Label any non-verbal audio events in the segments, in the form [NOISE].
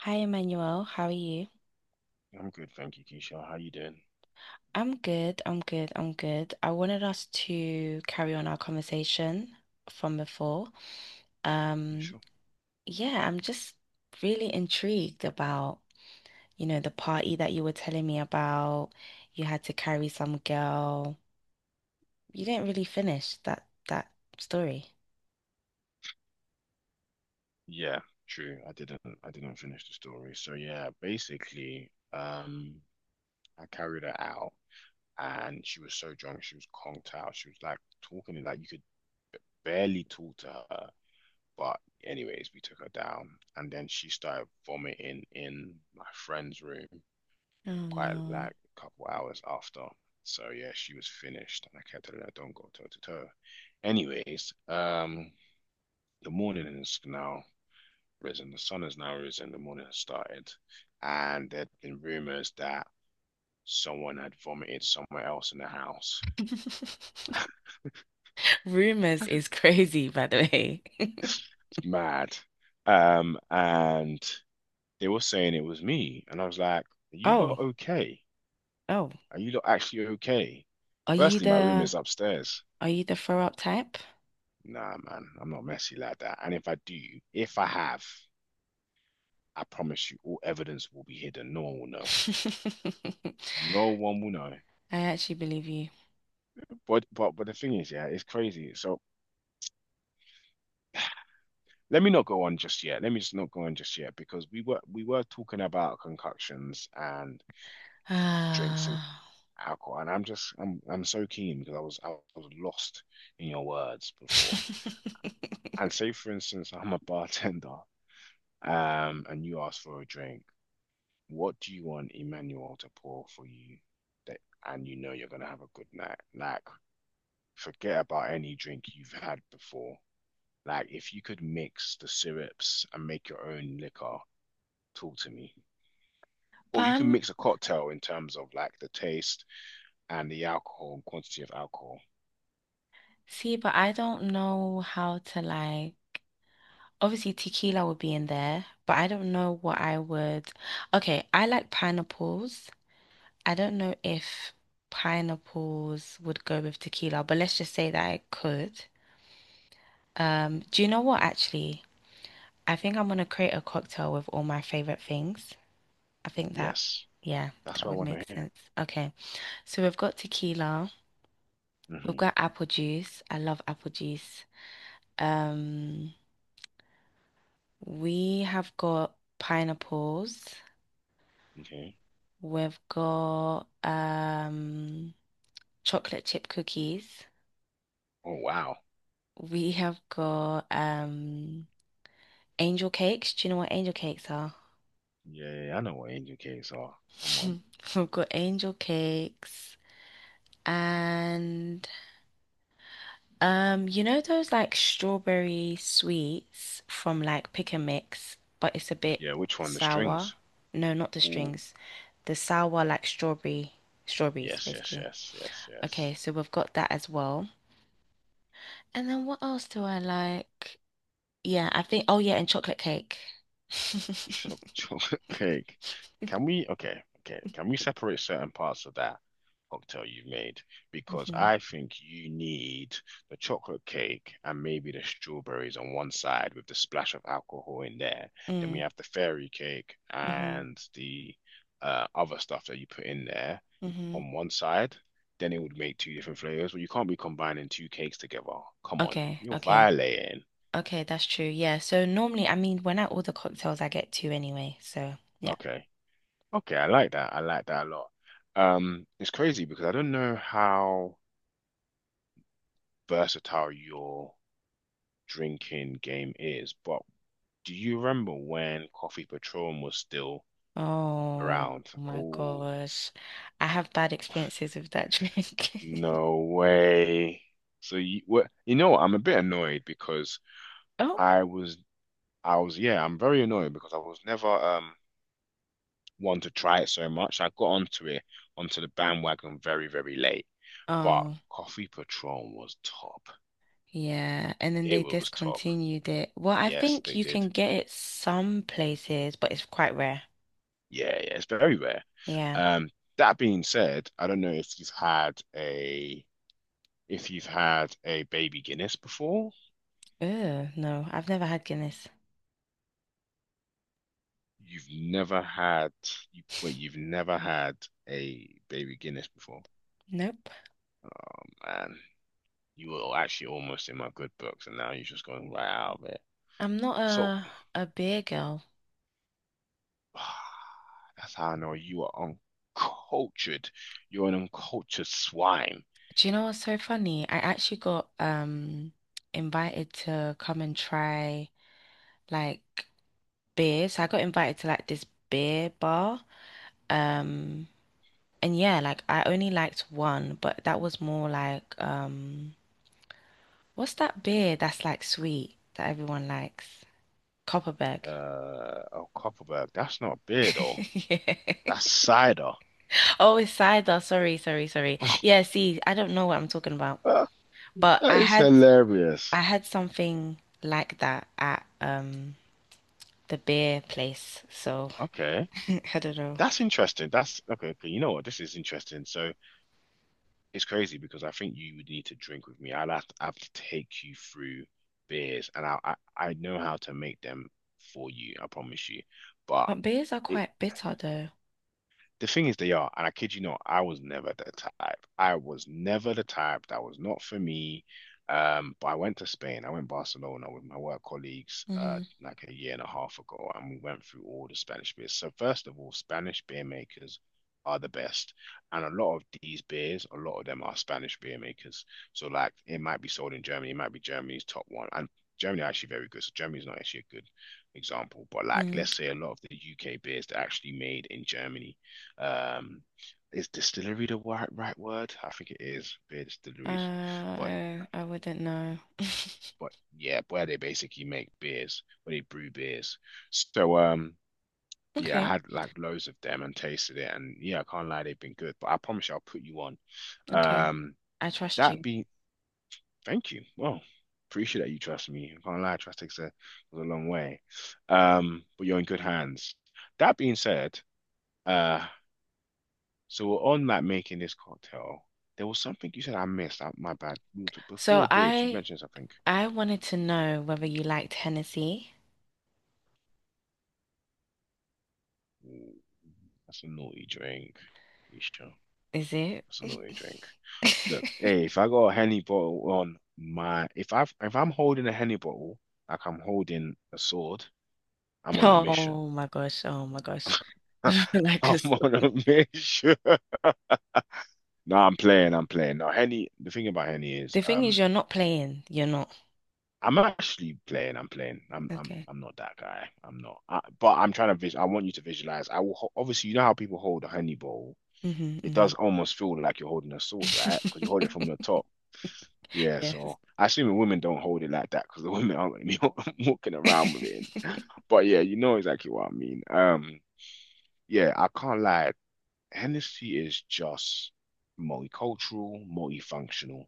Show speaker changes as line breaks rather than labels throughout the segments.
Hi, Emmanuel. How are you?
I'm good, thank you, Keisha. How you doing?
I'm good. I'm good. I'm good. I wanted us to carry on our conversation from before.
Yeah,
Um,
sure.
yeah, I'm just really intrigued about, you know, the party that you were telling me about. You had to carry some girl. You didn't really finish that story.
Yeah, true. I didn't finish the story. So yeah, basically, I carried her out and she was so drunk, she was conked out. She was like talking like you could barely talk to her. But anyways, we took her down and then she started vomiting in my friend's room
Oh
quite
no.
like a couple hours after. So yeah, she was finished and I kept telling her don't go toe to toe. Anyways, the morning is now. Risen. The sun has now risen. The morning has started, and there'd been rumors that someone had vomited somewhere else in the house.
[LAUGHS]
[LAUGHS]
Rumors is crazy, by the way. [LAUGHS]
Mad. And they were saying it was me, and I was like, "Are you lot
Oh,
okay?
oh.
Are you lot actually okay?"
Are you
Firstly, my room is
the,
upstairs.
are you the throw up type?
Nah, man, I'm not messy like that. And if I do, if I have, I promise you, all evidence will be hidden. No one will know.
[LAUGHS]
No one will know.
I actually believe you.
But the thing is, yeah, it's crazy. So let me not go on just yet. Let me just not go on just yet because we were talking about concoctions and
[SIGHS]
drinks and
Ah.
alcohol, and I'm so keen because I was lost in your words before.
[LAUGHS]
And say for instance, I'm a bartender, and you ask for a drink. What do you want Emmanuel to pour for you that and you know you're gonna have a good night? Like, forget about any drink you've had before. Like, if you could mix the syrups and make your own liquor, talk to me.
But
Or you can
I'm,
mix a cocktail in terms of like the taste and the alcohol and quantity of alcohol.
see, but I don't know how to, like, obviously tequila would be in there, but I don't know what I would. Okay, I like pineapples. I don't know if pineapples would go with tequila, but let's just say that I could. Do you know what, actually? I think I'm gonna create a cocktail with all my favorite things. I think that,
Yes,
yeah,
that's
that
what I
would
want
make
to hear.
sense. Okay. So we've got tequila, we've
Hmm.
got apple juice. I love apple juice. Um, we have got pineapples.
Okay.
We've got chocolate chip cookies.
Oh wow.
We have got angel cakes. Do you know what angel cakes are?
Yeah, yeah, yeah, I know what angel cakes are. Come
[LAUGHS]
on.
We've got angel cakes. And you know those like strawberry sweets from like Pick and Mix, but it's a bit
Yeah, which one? The
sour.
strings.
No, not the
Ooh.
strings. The sour like strawberry strawberries
Yes, yes,
basically.
yes, yes, yes.
Okay, so we've got that as well. And then what else do I like? Yeah, I think, oh yeah, and chocolate cake. [LAUGHS]
Chocolate cake. [LAUGHS] Can we, okay, okay, can we separate certain parts of that cocktail you've made? Because
Mhm.
I think you need the chocolate cake and maybe the strawberries on one side with the splash of alcohol in there. Then we
Mm,
have the fairy cake
mm-hmm,
and the other stuff that you put in there
mm-hmm.
on one side. Then it would make two different flavors. But you can't be combining two cakes together. Come on,
Okay,
you're
okay,
violating.
okay, that's true. Yeah. So normally, I mean, when I order cocktails, I get two anyway. So yeah.
Okay. Okay, I like that. I like that a lot. It's crazy because I don't know how versatile your drinking game is, but do you remember when Coffee Patron was still
Oh
around?
my
Oh,
gosh, I have bad experiences with that drink.
no
[LAUGHS]
way. So you what you know what, I'm a bit annoyed because
Oh,
I was I was yeah, I'm very annoyed because I was never one to try it so much. I got onto the bandwagon very, very late. But
oh,
Coffee Patron was top.
yeah. And then
It
they
was top.
discontinued it. Well, I
Yes,
think
they
you can
did.
get it some places, but it's quite rare.
Yeah, yeah, it's very rare.
Yeah.
Um, that being said, I don't know if you've had a if you've had a baby Guinness before.
Ew, no, I've never had Guinness.
You've never had you wait, you've never had a baby Guinness before.
Nope.
Oh man, you were actually almost in my good books, and now you're just going right out of it.
I'm not
So
a beer girl.
[SIGHS] that's how I know you are uncultured. You're an uncultured swine.
Do you know what's so funny? I actually got invited to come and try, like, beer. So I got invited to like this beer bar. Um and yeah, like I only liked one, but that was more like, what's that beer that's like sweet that everyone likes? Copperberg. [LAUGHS]
Oh, Copperberg, that's not beer though.
Yeah.
That's cider.
Oh, it's cider. Sorry, sorry, sorry. Yeah, see, I don't know what I'm talking about.
That
But
is
I
hilarious.
had something like that at the beer place. So
Okay.
[LAUGHS] I don't know.
That's interesting. That's okay. Okay, you know what? This is interesting. So it's crazy because I think you would need to drink with me. I'll have to, I have to take you through beers, and I know how to make them for you. I promise you. But
But beers are
it,
quite bitter though.
the thing is, they are, and I kid you not, I was never the type. I was never the type. That was not for me. But I went to Spain. I went to Barcelona with my work colleagues
Mm-hmm.
like a year and a half ago, and we went through all the Spanish beers. So first of all, Spanish beer makers are the best, and a lot of these beers, a lot of them are Spanish beer makers. So like, it might be sold in Germany. It might be Germany's top one, and Germany are actually very good. So Germany's not actually a good example, but like
Mm.
let's say a lot of the UK beers that are actually made in Germany, um, is distillery the right word? I think it is beer distilleries, but
I wouldn't know. [LAUGHS]
but yeah, where they basically make beers, where they brew beers. So yeah, I
Okay,
had like loads of them and tasted it, and yeah, I can't lie, they've been good. But I promise you, I'll put you on.
okay.
Um,
I trust
that
you.
be thank you. Well, appreciate that you trust me. I can't lie, trust takes a goes a long way. But you're in good hands. That being said, uh, so on that making this cocktail, there was something you said I missed. I, my bad. Before
So
the beers, you mentioned something.
I wanted to know whether you liked Hennessy.
Ooh, that's a naughty drink. Isha,
Is it?
that's a naughty drink.
[LAUGHS]
Look, hey, if I got a Henny bottle on my, if I'm holding a Henny bottle like I'm holding a sword, I'm on a mission.
Oh my gosh. Oh my gosh.
[LAUGHS]
[LAUGHS] Like a—
I'm on a mission. [LAUGHS] No, I'm playing. I'm playing. Now, Henny. The thing about Henny is,
The thing is, you're not playing. You're not.
I'm actually playing. I'm playing. I'm I'm
Okay.
I'm not that guy. I'm not. I, but I'm trying to visual. I want you to visualize. Obviously you know how people hold a honey bowl. It
Mm-hmm,
does almost feel like you're holding a sword, right? Because you hold it
mm-hmm.
from the
[LAUGHS]
top. Yeah.
Yes.
So I assume women don't hold it like that because the [LAUGHS] women aren't gonna be [LAUGHS] walking
[LAUGHS]
around with it.
I
But yeah, you know exactly what I mean. Yeah. I can't lie. Hennessy is just multicultural, multifunctional.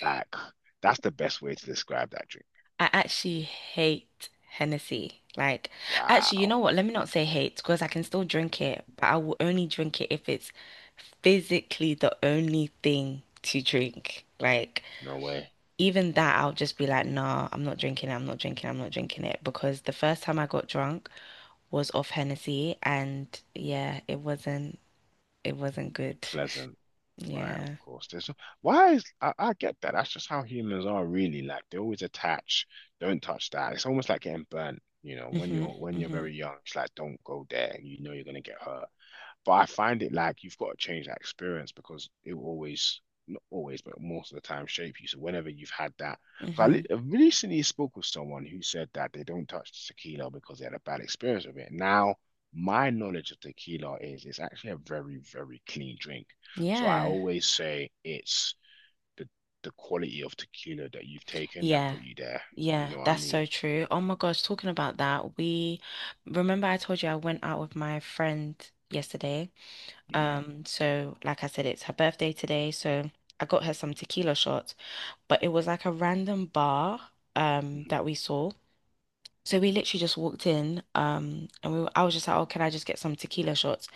Like that's the best way to describe that drink.
actually hate Hennessy. Like, actually, you know
Wow.
what? Let me not say hate because I can still drink it, but I will only drink it if it's physically the only thing to drink. Like,
No way.
even that, I'll just be like, nah, I'm not drinking it. I'm not drinking it. I'm not drinking it. Because the first time I got drunk was off Hennessy, and yeah, it wasn't good. [LAUGHS]
Pleasant, right? Of
Yeah.
course. There's no, Why is I get that. That's just how humans are really. Like they always attach. Don't touch that. It's almost like getting burnt. You know, when
Mm-hmm.
you're
Mm-hmm.
very young, it's like don't go there. You know you're gonna get hurt. But I find it like you've got to change that experience because it will always, not always, but most of the time shape you. So whenever you've had that, so
Mm-hmm.
I recently spoke with someone who said that they don't touch tequila because they had a bad experience with it. Now, my knowledge of tequila is it's actually a very, very clean drink. So I
Yeah.
always say it's the the quality of tequila that you've taken that
Yeah.
put you there. You
Yeah,
know what I
that's
mean?
so true. Oh my gosh, talking about that, we remember I told you I went out with my friend yesterday.
Hmm.
So like I said, it's her birthday today, so I got her some tequila shots, but it was like a random bar
Hmm.
that we saw. So we literally just walked in, and I was just like, oh, can I just get some tequila shots?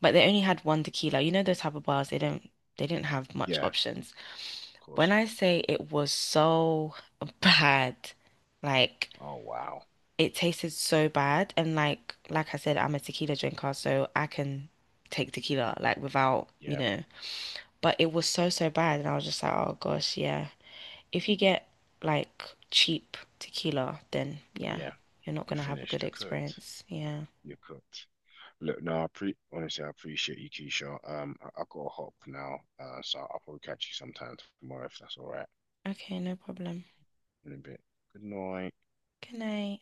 But they only had one tequila. You know those type of bars, they didn't have much
Yeah, of
options. When
course.
I say it was so [LAUGHS] bad. Like
Oh wow.
it tasted so bad. And like I said, I'm a tequila drinker, so I can take tequila like without, you
Yeah,
know. But it was so bad, and I was just like, oh gosh, yeah. If you get like cheap tequila, then yeah,
yeah.
you're not
You're
gonna have a
finished.
good
You're cooked.
experience. Yeah.
You're cooked. Look, no, I pre honestly, I appreciate you, Keisha. I gotta hop now, so I'll probably catch you sometime tomorrow if that's all right.
Okay, no problem.
In a bit. Good night.
Good night.